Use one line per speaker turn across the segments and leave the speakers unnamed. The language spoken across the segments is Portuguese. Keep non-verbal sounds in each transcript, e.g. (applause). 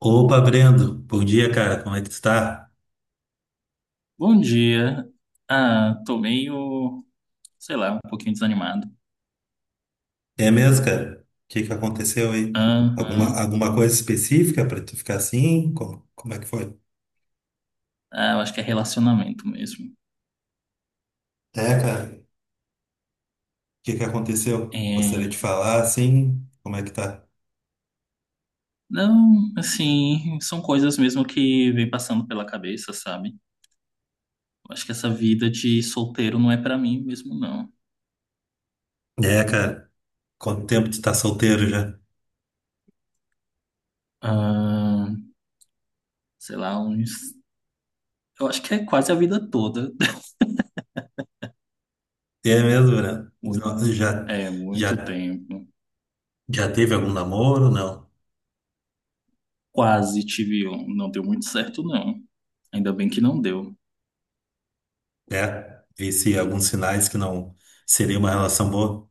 Opa, Brendo, bom dia, cara. Como é que tu tá?
Bom dia. Ah, tô meio, sei lá, um pouquinho desanimado.
É mesmo, cara? O que que aconteceu aí? Alguma,
Aham.
alguma coisa específica pra tu ficar assim? Como é que foi?
Ah, eu acho que é relacionamento mesmo.
É, cara. O que que aconteceu? Gostaria de
É,
falar assim. Como é que tá?
não, assim, são coisas mesmo que vem passando pela cabeça, sabe? Eu acho que essa vida de solteiro não é pra mim mesmo, não.
É, cara. Quanto tempo tu tá solteiro já?
Ah, sei lá, uns, eu acho que é quase a vida toda. (laughs)
É mesmo, Brendo?
Muito,
Não,
é, muito
já,
tempo.
já teve algum namoro? Não.
Quase tive um, não deu muito certo, não. Ainda bem que não deu.
É. Vi se alguns sinais que não seria uma relação boa.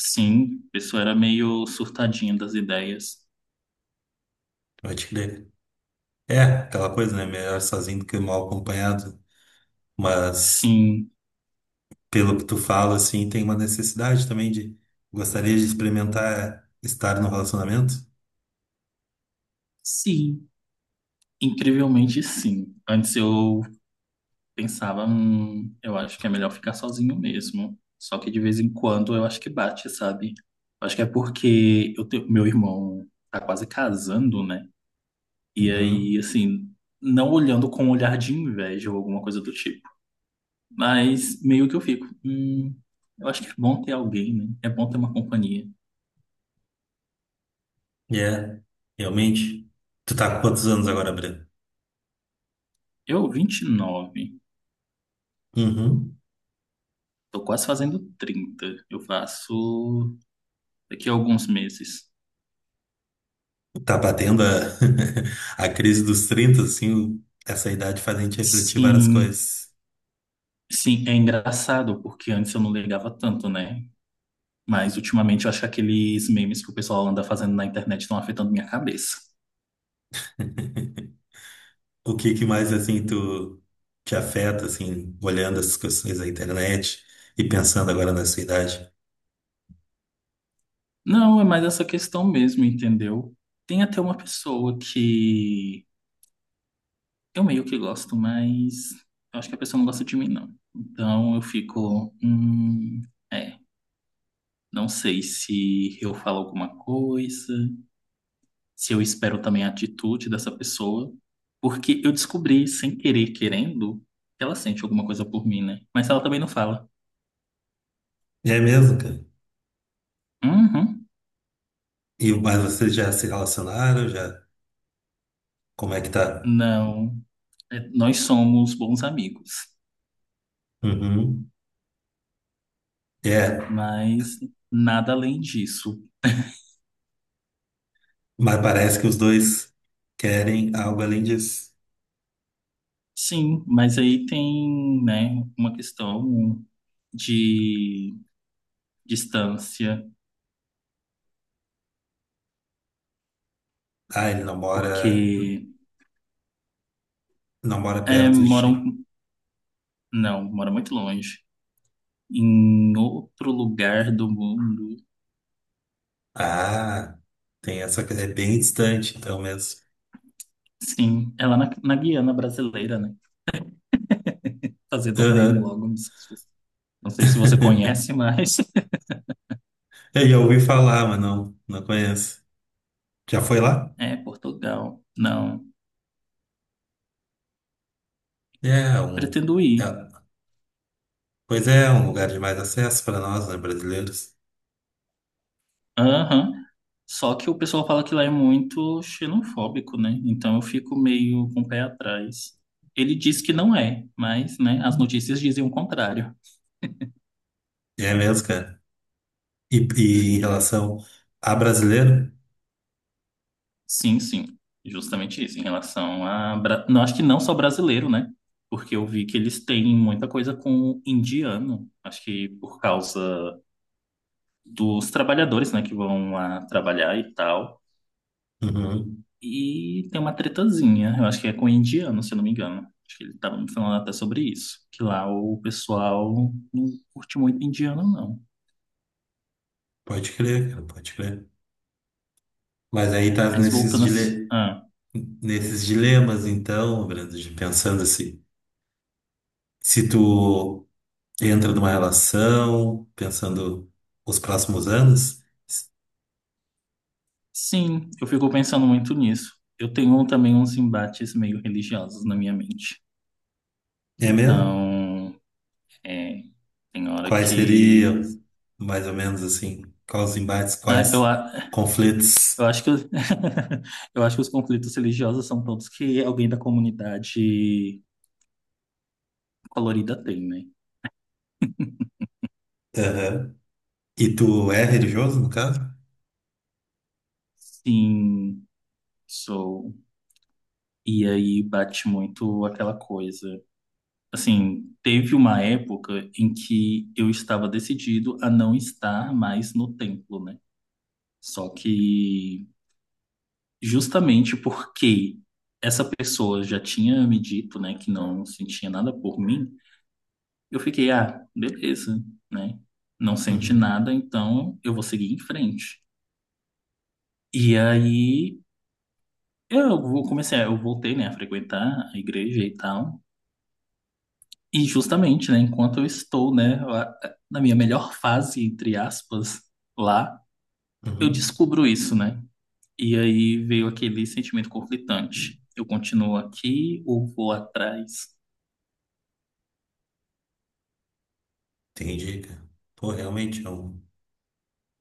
Sim, a pessoa era meio surtadinha das ideias.
Pode crer. É, aquela coisa, né? Melhor sozinho do que mal acompanhado. Mas,
Sim,
pelo que tu fala, assim, tem uma necessidade também de gostaria de experimentar estar no relacionamento.
sim, incrivelmente sim. Antes eu pensava, eu acho que é melhor ficar sozinho mesmo. Só que de vez em quando eu acho que bate, sabe? Acho que é porque eu tenho, meu irmão tá quase casando, né? E aí,
Uhum.
assim, não olhando com um olhar de inveja ou alguma coisa do tipo. Mas meio que eu fico, eu acho que é bom ter alguém, né? É bom ter uma companhia.
É, realmente. Tu tá com quantos anos agora, Breno?
Eu, 29.
Uhum.
Tô quase fazendo 30. Eu faço daqui a alguns meses.
Tá batendo a (laughs) a crise dos 30 assim, essa idade faz a gente refletir várias
Sim,
coisas.
sim, é engraçado, porque antes eu não ligava tanto, né? Mas ultimamente eu acho que aqueles memes que o pessoal anda fazendo na internet estão afetando minha cabeça.
O que que mais, assim, tu te afeta, assim, olhando essas questões da internet e pensando agora nessa idade?
Não, é mais essa questão mesmo, entendeu? Tem até uma pessoa que eu meio que gosto, mas eu acho que a pessoa não gosta de mim, não. Então eu fico, é, não sei se eu falo alguma coisa, se eu espero também a atitude dessa pessoa, porque eu descobri, sem querer, querendo, que ela sente alguma coisa por mim, né? Mas ela também não fala.
É mesmo, cara?
Uhum,
E, mas vocês já se relacionaram, já. Como é que tá?
não, é, nós somos bons amigos,
Uhum. É,
mas nada além disso.
mas parece que os dois querem algo além disso.
Sim, mas aí tem, né, uma questão de distância,
Ah, ele não mora,
porque
Não mora perto de ti.
moram, não, moram muito longe, em outro lugar do mundo.
Ah, tem essa coisa, é bem distante então mesmo.
Sim, é lá na Guiana brasileira, né? Fazedor meme
Aham.
logo, não sei se você conhece,
(laughs)
mas (laughs)
Eu já ouvi falar, mas não conheço. Já foi lá?
é Portugal. Não,
É, um,
pretendo
é,
ir.
Pois é, um lugar de mais acesso para nós, né, brasileiros.
Aham. Só que o pessoal fala que lá é muito xenofóbico, né? Então eu fico meio com o pé atrás. Ele diz que não é, mas, né, as notícias dizem o contrário.
É mesmo, cara. E em
Sim.
relação a brasileiro?
Sim, sim, justamente isso, em relação a. Não, acho que não só brasileiro, né? Porque eu vi que eles têm muita coisa com indiano, acho que por causa dos trabalhadores, né, que vão lá trabalhar e tal.
Uhum.
E tem uma tretazinha, eu acho que é com indiano, se eu não me engano. Acho que ele estava me falando até sobre isso, que lá o pessoal não curte muito indiano, não.
Pode crer, cara, pode crer. Mas aí tá
Mas
nesses,
voltando assim. Ah,
nesses dilemas, então, Brando, de pensando assim, se tu entra numa relação, pensando os próximos anos,
sim, eu fico pensando muito nisso. Eu tenho também uns embates meio religiosos na minha mente.
é mesmo?
Então, é, tem hora
Quais
que.
seriam, mais ou menos assim, quais os embates,
Ah,
quais conflitos?
eu acho que (laughs) eu acho que os conflitos religiosos são todos que alguém da comunidade colorida tem, né?
Aham. E tu é religioso, no caso?
Sim, sou. E aí bate muito aquela coisa. Assim, teve uma época em que eu estava decidido a não estar mais no templo, né? Só que justamente porque essa pessoa já tinha me dito, né, que não sentia nada por mim, eu fiquei, ah, beleza, né? Não sente
Uhum.
nada, então eu vou seguir em frente. E aí comecei, eu voltei, né, a frequentar a igreja e tal. E justamente, né, enquanto eu estou, né, na minha melhor fase, entre aspas, lá, eu
Uhum.
descubro isso, né? E aí veio aquele sentimento conflitante. Eu continuo aqui ou vou atrás?
Entendi, cara. Pô,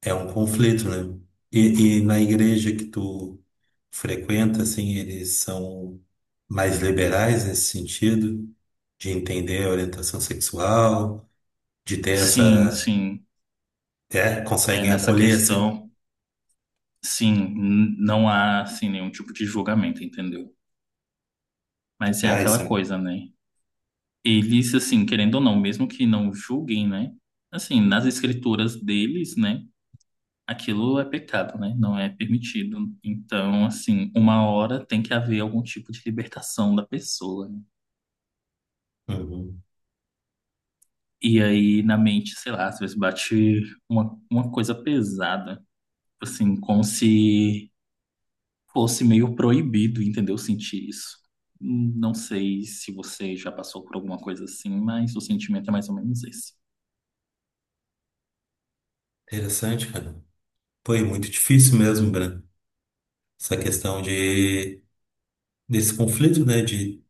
é um conflito, né? E na igreja que tu frequenta, assim, eles são mais liberais nesse sentido, de entender a orientação sexual, de ter
Sim,
essa.
sim.
É,
É
conseguem
nessa
acolher, assim.
questão, sim, não há assim nenhum tipo de julgamento, entendeu? Mas é
Ah,
aquela
isso é
coisa, né? Eles assim, querendo ou não, mesmo que não julguem, né? Assim, nas escrituras deles, né? Aquilo é pecado, né? Não é permitido. Então, assim, uma hora tem que haver algum tipo de libertação da pessoa, né?
uhum.
E aí, na mente, sei lá, às vezes bate uma coisa pesada, assim, como se fosse meio proibido, entendeu? Sentir isso. Não sei se você já passou por alguma coisa assim, mas o sentimento é mais ou menos esse.
Interessante, cara. Foi muito difícil mesmo, Breno. Essa questão de, desse conflito, né? De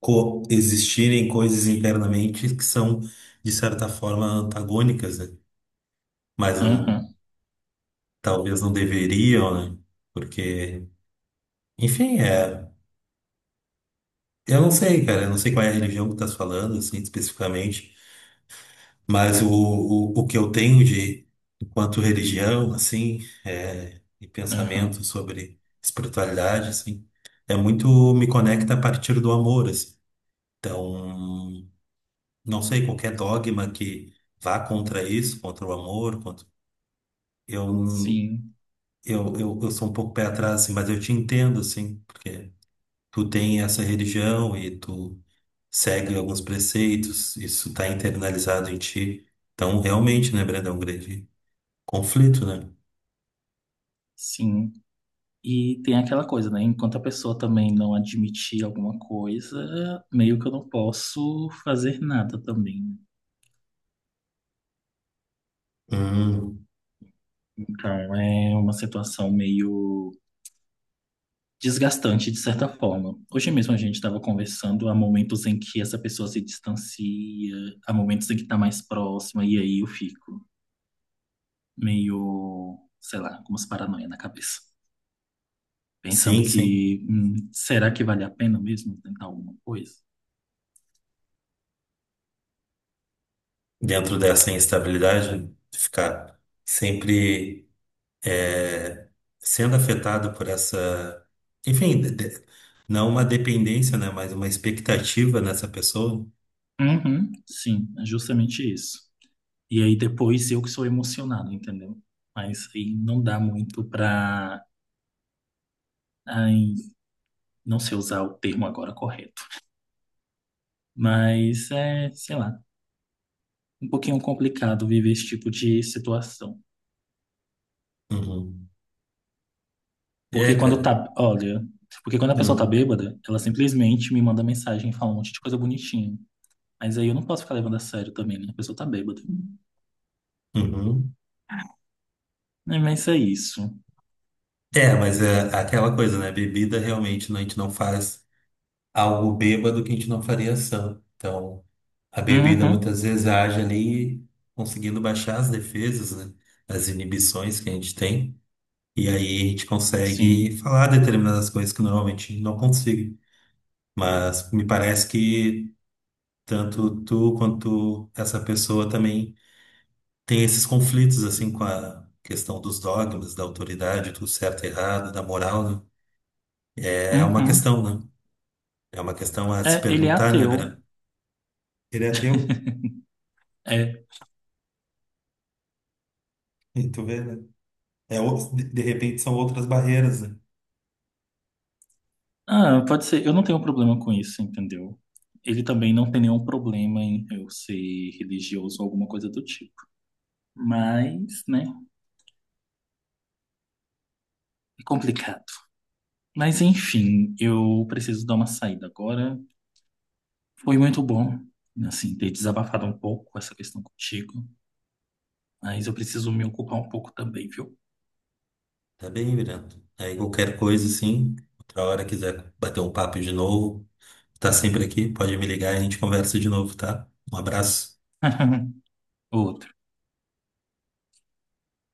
coexistirem coisas internamente que são, de certa forma, antagônicas, né? Mas
Aham,
talvez não deveriam, né? Porque, enfim, é. Eu não sei, cara. Eu não sei qual é a religião que tu estás falando, assim, especificamente. Mas o que eu tenho de, enquanto religião, assim, é, e pensamento
aham.
sobre espiritualidade, assim, é muito me conecta a partir do amor, assim. Então, não sei, qualquer dogma que vá contra isso, contra o amor, contra... Eu,
Sim,
eu sou um pouco pé atrás, assim, mas eu te entendo, assim, porque tu tem essa religião e tu segue alguns preceitos, isso está internalizado em ti. Então, realmente, né, Brandão, um grande conflito, né?
sim. E tem aquela coisa, né? Enquanto a pessoa também não admitir alguma coisa, meio que eu não posso fazer nada também.
Hum,
Então é uma situação meio desgastante de certa forma. Hoje mesmo a gente estava conversando, há momentos em que essa pessoa se distancia, há momentos em que está mais próxima, e aí eu fico meio, sei lá, com umas paranoia na cabeça, pensando
sim, sim.
que será que vale a pena mesmo tentar alguma coisa?
Dentro dessa instabilidade, ficar sempre é, sendo afetado por essa, enfim, não uma dependência, né? Mas uma expectativa nessa pessoa.
Uhum, sim, é justamente isso. E aí depois eu que sou emocionado, entendeu? Mas aí não dá muito pra. Ai, não sei usar o termo agora correto. Mas é, sei lá, um pouquinho complicado viver esse tipo de situação.
Uhum. É,
Porque quando
cara.
tá, olha, porque quando a pessoa tá
Hum,
bêbada, ela simplesmente me manda mensagem e fala um monte de coisa bonitinha. Mas aí eu não posso ficar levando a sério também, né? A pessoa tá bêbada.
uhum.
É, mas é isso.
É, mas é aquela coisa, né? Bebida realmente né, a gente não faz algo bêbado que a gente não faria sã. Então. A bebida
Uhum,
muitas vezes age ali, conseguindo baixar as defesas, né? As inibições que a gente tem. E aí a gente consegue
sim.
falar determinadas coisas que normalmente não consigo. Mas me parece que tanto tu quanto essa pessoa também tem esses conflitos, assim, com a questão dos dogmas, da autoridade, do certo e errado, da moral, né? É uma
Uhum.
questão, né? É uma questão a se
É, ele é
perguntar, né,
ateu.
Vera? Ele é teu,
(laughs) É.
e tu vê, né? É, de repente são outras barreiras, né?
Ah, pode ser. Eu não tenho problema com isso, entendeu? Ele também não tem nenhum problema em eu ser religioso ou alguma coisa do tipo. Mas, né? É complicado. Mas enfim, eu preciso dar uma saída agora. Foi muito bom, assim, ter desabafado um pouco essa questão contigo, mas eu preciso me ocupar um pouco também, viu?
Tá bem, Miranda. Aí qualquer coisa, sim. Outra hora quiser bater um papo de novo, tá sempre aqui, pode me ligar e a gente conversa de novo, tá? Um abraço.
(laughs) Outra.